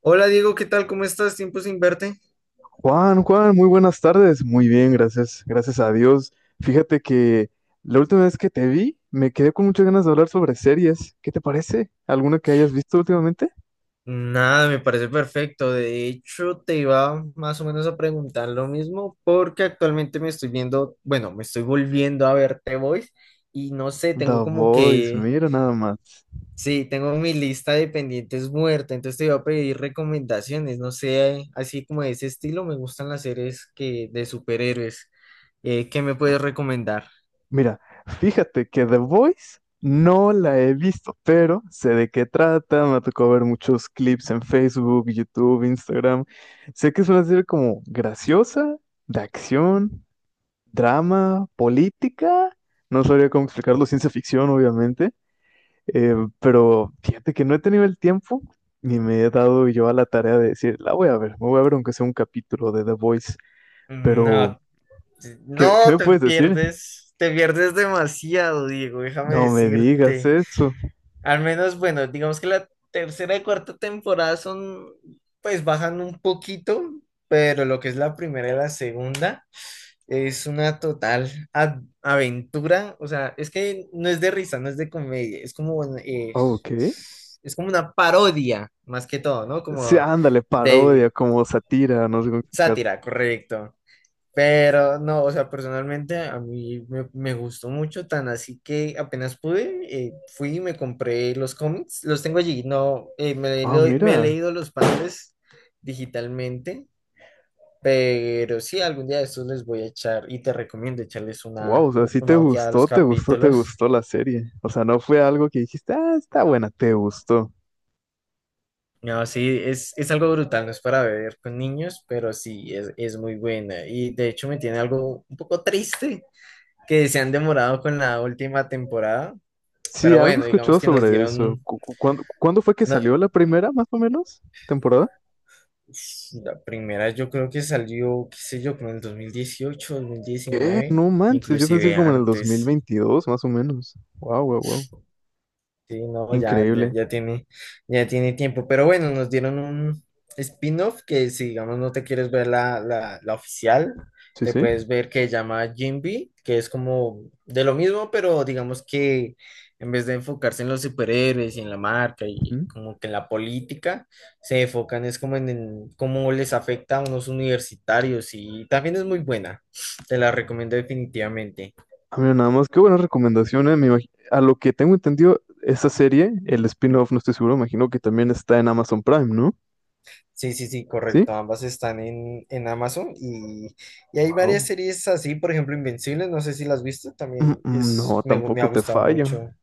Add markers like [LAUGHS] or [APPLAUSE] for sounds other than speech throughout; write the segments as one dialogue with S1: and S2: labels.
S1: Hola Diego, ¿qué tal? ¿Cómo estás? Tiempo sin verte.
S2: Juan, Juan, muy buenas tardes. Muy bien, gracias, gracias a Dios. Fíjate que la última vez que te vi, me quedé con muchas ganas de hablar sobre series. ¿Qué te parece? ¿Alguna que hayas visto últimamente?
S1: Nada, me parece perfecto. De hecho, te iba más o menos a preguntar lo mismo porque actualmente me estoy viendo, bueno, me estoy volviendo a ver The Voice y no sé, tengo
S2: The
S1: como
S2: Voice,
S1: que,
S2: mira nada más.
S1: sí, tengo mi lista de pendientes muerta, entonces te iba a pedir recomendaciones, no sé, así como de ese estilo, me gustan las series que de superhéroes. ¿Qué me puedes recomendar?
S2: Mira, fíjate que The Voice no la he visto, pero sé de qué trata, me tocó ver muchos clips en Facebook, YouTube, Instagram. Sé que es una serie como graciosa, de acción, drama, política. No sabría cómo explicarlo, ciencia ficción, obviamente. Pero fíjate que no he tenido el tiempo ni me he dado yo a la tarea de decir, la voy a ver, me voy a ver aunque sea un capítulo de The Voice. Pero,
S1: No,
S2: ¿qué
S1: no,
S2: me puedes decir?
S1: te pierdes demasiado, Diego, déjame
S2: No me digas
S1: decirte.
S2: eso.
S1: Al menos, bueno, digamos que la tercera y cuarta temporada son, pues bajan un poquito, pero lo que es la primera y la segunda es una total aventura. O sea, es que no es de risa, no es de comedia, es como, bueno,
S2: Ah, ok.
S1: es como una parodia, más que todo, ¿no?
S2: Sí,
S1: Como
S2: ándale, parodia,
S1: de
S2: como sátira, no sé cómo explicarlo.
S1: sátira, correcto. Pero no, o sea, personalmente a mí me gustó mucho, tan así que apenas pude, fui y me compré los cómics, los tengo allí, no,
S2: Ah,
S1: me he
S2: mira.
S1: leído los padres digitalmente, pero sí, algún día de estos les voy a echar y te recomiendo echarles
S2: Wow,
S1: una,
S2: o sea, sí te
S1: una ojeada a los
S2: gustó, te gustó, te
S1: capítulos.
S2: gustó la serie. O sea, no fue algo que dijiste, ah, está buena, te gustó.
S1: No, sí, es algo brutal, no es para ver con niños, pero sí, es muy buena y de hecho me tiene algo un poco triste que se han demorado con la última temporada.
S2: Sí,
S1: Pero
S2: algo he
S1: bueno, digamos
S2: escuchado
S1: que nos
S2: sobre eso.
S1: dieron
S2: ¿Cuándo fue que
S1: una-
S2: salió la primera, más o menos? ¿Temporada?
S1: la primera, yo creo que salió, qué sé yo, como en el 2018, dos mil
S2: ¿Qué?
S1: diecinueve,
S2: No manches, yo pensé que
S1: inclusive
S2: como en el
S1: antes.
S2: 2022, más o menos. Wow, wow, wow.
S1: Sí, no, ya, ya,
S2: Increíble.
S1: ya tiene tiempo. Pero bueno, nos dieron un spin-off que si digamos no te quieres ver la oficial,
S2: Sí,
S1: te
S2: sí.
S1: puedes ver que se llama Jinbe, que es como de lo mismo, pero digamos que en vez de enfocarse en los superhéroes y en la marca y
S2: Ujú.
S1: como que en la política, se enfocan es como en cómo les afecta a unos universitarios y también es muy buena. Te la recomiendo definitivamente.
S2: Ah, mira, nada más, qué buena recomendación, a lo que tengo entendido, esa serie, el spin-off, no estoy seguro, imagino que también está en Amazon Prime, ¿no?
S1: Sí, sí, sí, correcto.
S2: ¿Sí?
S1: Ambas están en Amazon y hay varias
S2: Wow.
S1: series así, por ejemplo, Invencible, no sé si las has visto,
S2: Mm,
S1: también
S2: mm,
S1: es,
S2: no,
S1: me ha
S2: tampoco te
S1: gustado
S2: fallo.
S1: mucho,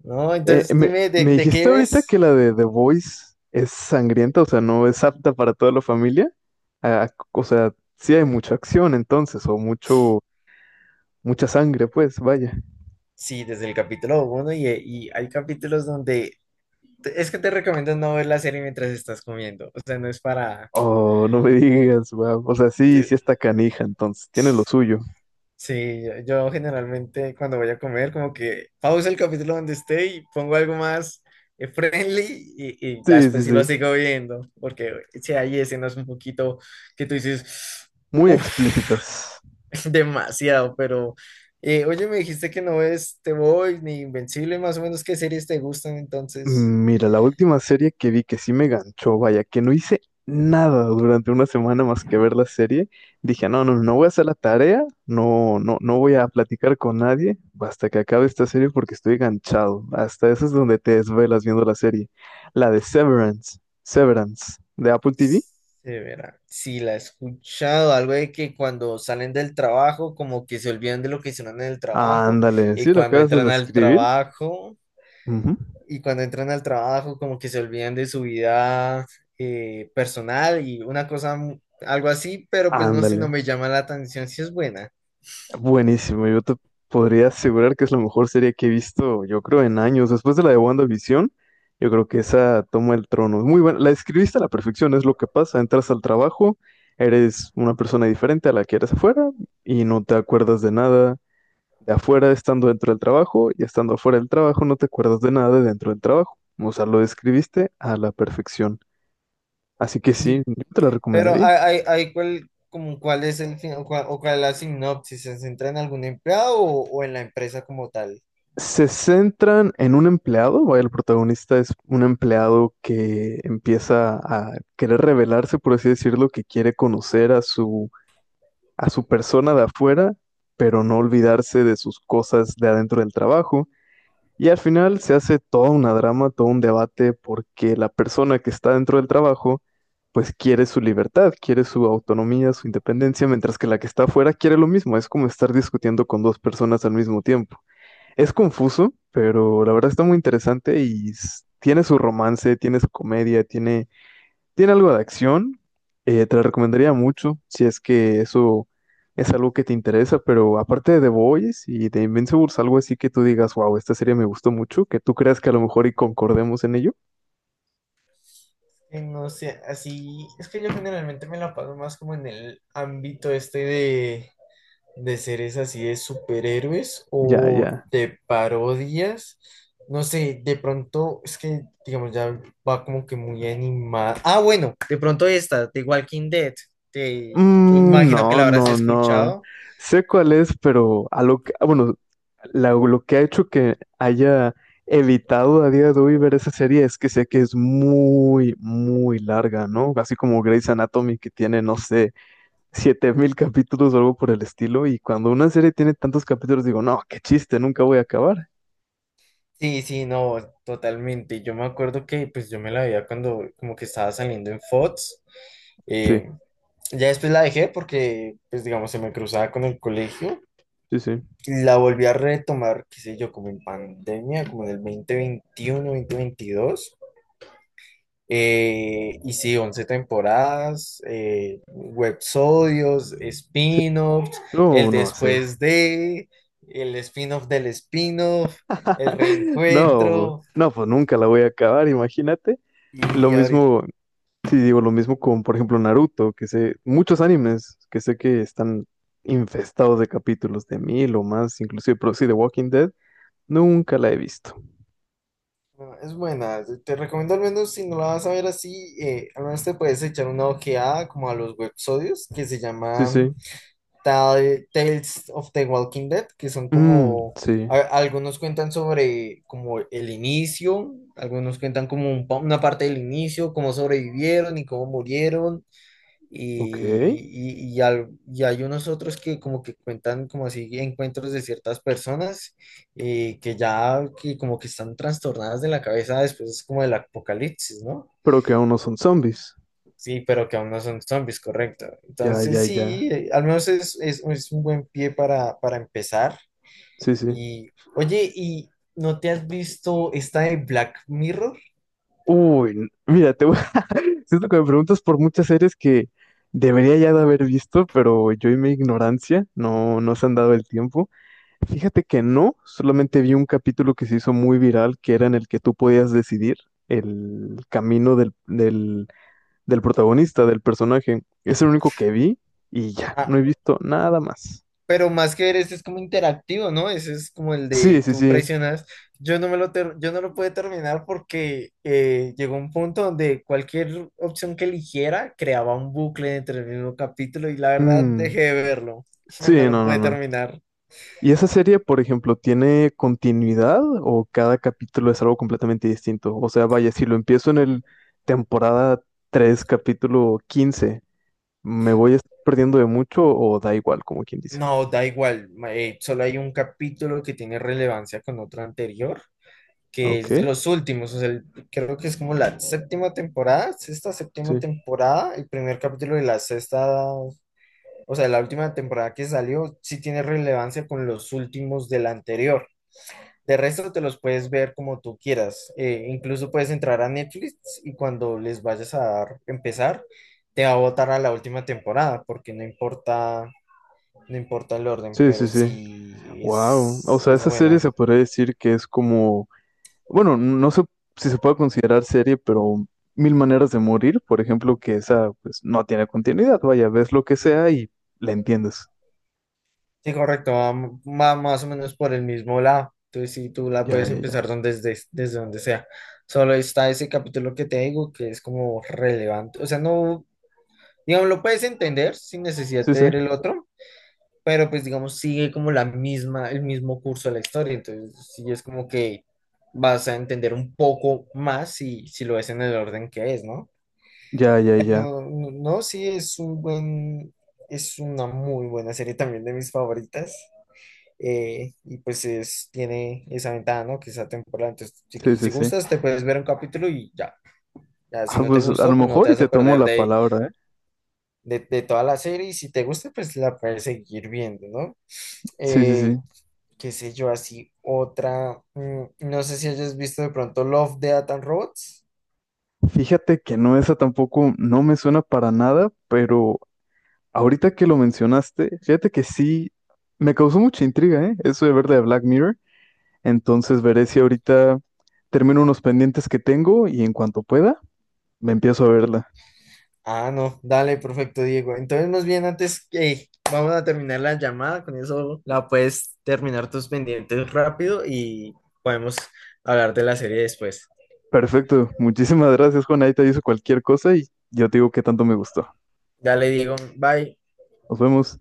S1: ¿no?
S2: Eh,
S1: Entonces,
S2: me,
S1: dime,
S2: me
S1: de qué
S2: dijiste ahorita
S1: ves?
S2: que la de The Voice es sangrienta, o sea, no es apta para toda la familia. Ah, o sea, sí hay mucha acción entonces, o mucha sangre, pues, vaya.
S1: Sí, desde el capítulo uno y hay capítulos donde es que te recomiendo no ver la serie mientras estás comiendo, o sea, no es para,
S2: Oh, no me [LAUGHS] digas, wow. O sea, sí, sí está canija entonces, tiene lo suyo.
S1: sí, yo generalmente cuando voy a comer, como que pausa el capítulo donde esté y pongo algo más friendly y ya
S2: Sí, sí,
S1: después sí lo
S2: sí.
S1: sigo viendo, porque si hay escenas un poquito que tú dices,
S2: Muy
S1: uff,
S2: explícitas.
S1: [LAUGHS] demasiado, pero oye, me dijiste que no ves Te Voy ni Invencible, más o menos qué series te gustan entonces.
S2: Mira, la última serie que vi que sí me ganchó, vaya, que no hice nada durante una semana más que ver la serie, dije, no, no, no voy a hacer la tarea, no, no, no voy a platicar con nadie hasta que acabe esta serie porque estoy ganchado. Hasta eso es donde te desvelas viendo la serie. La de Severance, Severance, de Apple TV.
S1: Se verá. Sí, la he escuchado, algo de que cuando salen del trabajo, como que se olvidan de lo que hicieron en el trabajo,
S2: Ándale,
S1: y
S2: ¿sí la
S1: cuando
S2: acabas
S1: entran
S2: de
S1: al
S2: escribir?
S1: trabajo, y cuando entran al trabajo, como que se olvidan de su vida personal y una cosa, algo así, pero pues no sé, no
S2: Ándale.
S1: me llama la atención si es buena.
S2: Buenísimo, yo te podría asegurar que es la mejor serie que he visto, yo creo, en años. Después de la de WandaVision, yo creo que esa toma el trono. Es muy buena, la escribiste a la perfección, es lo que pasa. Entras al trabajo, eres una persona diferente a la que eres afuera y no te acuerdas de nada de afuera estando dentro del trabajo y estando afuera del trabajo no te acuerdas de nada de dentro del trabajo. O sea, lo describiste a la perfección. Así que sí,
S1: Y-
S2: yo te la
S1: pero
S2: recomendaría.
S1: hay, hay cuál, como cuál es el fin, o cuál es la sinopsis, ¿se centra en algún empleado o en la empresa como tal?
S2: Se centran en un empleado, vaya, el protagonista es un empleado que empieza a querer revelarse, por así decirlo, que quiere conocer a su persona de afuera, pero no olvidarse de sus cosas de adentro del trabajo. Y al final se hace toda una drama, todo un debate, porque la persona que está dentro del trabajo, pues quiere su libertad, quiere su autonomía, su independencia, mientras que la que está afuera quiere lo mismo. Es como estar discutiendo con dos personas al mismo tiempo. Es confuso, pero la verdad está muy interesante y s- tiene su romance, tiene su comedia, tiene algo de acción. Te la recomendaría mucho si es que eso es algo que te interesa, pero aparte de The Boys y de Invincibles, algo así que tú digas, wow, esta serie me gustó mucho, que tú creas que a lo mejor y concordemos en ello.
S1: Sí, no sé, así es que yo generalmente me la paso más como en el ámbito este de seres así de superhéroes
S2: Ya,
S1: o
S2: ya.
S1: de parodias. No sé, de pronto es que, digamos, ya va como que muy animada. Ah, bueno, de pronto esta, de Walking Dead. Te yo
S2: Mm,
S1: imagino que
S2: no,
S1: la habrás
S2: no, no.
S1: escuchado.
S2: Sé cuál es, pero a lo que, ah, bueno, lo que ha hecho que haya evitado a día de hoy ver esa serie es que sé que es muy, muy larga, ¿no? Así como Grey's Anatomy que tiene, no sé, 7000 capítulos o algo por el estilo. Y cuando una serie tiene tantos capítulos, digo, no, qué chiste, nunca voy a acabar.
S1: Sí, sí, no, totalmente. Yo me acuerdo que pues yo me la veía cuando como que estaba saliendo en Fox.
S2: Sí,
S1: Ya después la dejé porque, pues digamos, se me cruzaba con el colegio.
S2: sí, sí,
S1: Y la volví a retomar, qué sé yo, como en pandemia, como en el 2021, 2022. Y sí, 11 temporadas, websodios,
S2: sí.
S1: spin-offs, el
S2: No, no, sí.
S1: después de, el spin-off del spin-off, el
S2: [LAUGHS] No,
S1: reencuentro.
S2: no, pues nunca la voy a acabar, imagínate. Lo
S1: Y ahorita
S2: mismo. Sí, digo lo mismo con, por ejemplo, Naruto, que sé, muchos animes que sé que están infestados de capítulos de 1000 o más, inclusive, pero sí, de Walking Dead, nunca la he visto.
S1: no, es buena, te recomiendo al menos si no la vas a ver así, al menos te puedes echar una ojeada como a los websodios que se
S2: Sí,
S1: llaman
S2: sí.
S1: Tales of the Walking Dead, que son
S2: Mm,
S1: como,
S2: sí,
S1: algunos cuentan sobre como el inicio, algunos cuentan como un una parte del inicio, cómo sobrevivieron y cómo murieron,
S2: ok.
S1: y, y y hay unos otros que como que cuentan como así encuentros de ciertas personas que ya que como que están trastornadas de la cabeza después como del apocalipsis, ¿no?
S2: Pero que aún no son zombies.
S1: Sí, pero que aún no son zombies, correcto.
S2: Ya,
S1: Entonces
S2: ya, ya.
S1: sí, al menos es, es un buen pie para empezar.
S2: Sí, sí.
S1: Y oye, ¿y no te has visto esta de Black Mirror?
S2: Uy, mira, te voy... [LAUGHS] siento que me preguntas por muchas series que debería ya de haber visto, pero yo y mi ignorancia no, no se han dado el tiempo. Fíjate que no, solamente vi un capítulo que se hizo muy viral, que era en el que tú podías decidir el camino del, del, del protagonista, del personaje. Es el único que vi y ya,
S1: Ah,
S2: no he visto nada más.
S1: pero más que ver, ese es como interactivo, ¿no? Ese es como el
S2: Sí,
S1: de
S2: sí,
S1: tú
S2: sí.
S1: presionas. Yo no me lo, yo no lo pude terminar porque llegó un punto donde cualquier opción que eligiera creaba un bucle entre el mismo capítulo y la verdad
S2: Mm,
S1: dejé de verlo. [LAUGHS]
S2: sí,
S1: No lo
S2: no, no,
S1: pude
S2: no.
S1: terminar.
S2: ¿Y esa serie, por ejemplo, tiene continuidad o cada capítulo es algo completamente distinto? O sea, vaya, si lo empiezo en el temporada 3 capítulo 15, ¿me voy a estar perdiendo de mucho o da igual, como quien dice?
S1: No, da igual. Solo hay un capítulo que tiene relevancia con otro anterior, que es de
S2: Ok.
S1: los últimos. O sea, creo que es como la séptima temporada, sexta, séptima
S2: Sí,
S1: temporada, el primer capítulo de la sexta, o sea, la última temporada que salió, sí tiene relevancia con los últimos de la anterior. De resto te los puedes ver como tú quieras. Incluso puedes entrar a Netflix y cuando les vayas a dar, empezar, te va a botar a la última temporada, porque no importa, no importa el orden,
S2: sí, sí,
S1: pero
S2: sí.
S1: sí
S2: Wow. O sea,
S1: es
S2: esa serie
S1: buena.
S2: se podría decir que es como, bueno, no sé si se puede considerar serie, pero Mil Maneras de Morir, por ejemplo, que esa pues no tiene continuidad. Vaya, ves lo que sea y la entiendes.
S1: Sí, correcto, va, va más o menos por el mismo lado. Entonces sí, tú la
S2: Ya,
S1: puedes
S2: ya, ya.
S1: empezar donde, desde, desde donde sea. Solo está ese capítulo que te digo que es como relevante. O sea, no, digamos, lo puedes entender sin necesidad
S2: Sí,
S1: de
S2: sí.
S1: ver el otro, pero pues digamos sigue como la misma, el mismo curso de la historia, entonces sí es como que vas a entender un poco más si, si lo ves en el orden que es, ¿no?
S2: Ya, ya, ya.
S1: Bueno, no, no, sí es un buen, es una muy buena serie también de mis favoritas. Y pues es, tiene esa ventaja, ¿no? Que esa temporada, entonces si,
S2: Sí,
S1: si
S2: sí, sí.
S1: gustas te puedes ver un capítulo y ya. Ya, si
S2: Ah,
S1: no te
S2: pues a lo
S1: gustó, pues no te
S2: mejor y
S1: vas
S2: te
S1: a
S2: tomo
S1: perder
S2: la palabra, ¿eh?
S1: de toda la serie y si te gusta, pues la puedes seguir viendo, ¿no?
S2: Sí, sí, sí.
S1: Eh, qué sé yo, así otra, mm, no sé si hayas visto de pronto Love, Death and Robots.
S2: Fíjate que no, esa tampoco no me suena para nada, pero ahorita que lo mencionaste, fíjate que sí, me causó mucha intriga, ¿eh? Eso de ver la de Black Mirror. Entonces veré si ahorita termino unos pendientes que tengo y en cuanto pueda, me empiezo a verla.
S1: Ah, no, dale, perfecto, Diego. Entonces, más bien antes que vamos a terminar la llamada, con eso la puedes terminar tus pendientes rápido y podemos hablar de la serie después.
S2: Perfecto, muchísimas gracias, Juan. Ahí te aviso cualquier cosa y yo te digo qué tanto me gustó.
S1: Dale, Diego, bye.
S2: Nos vemos.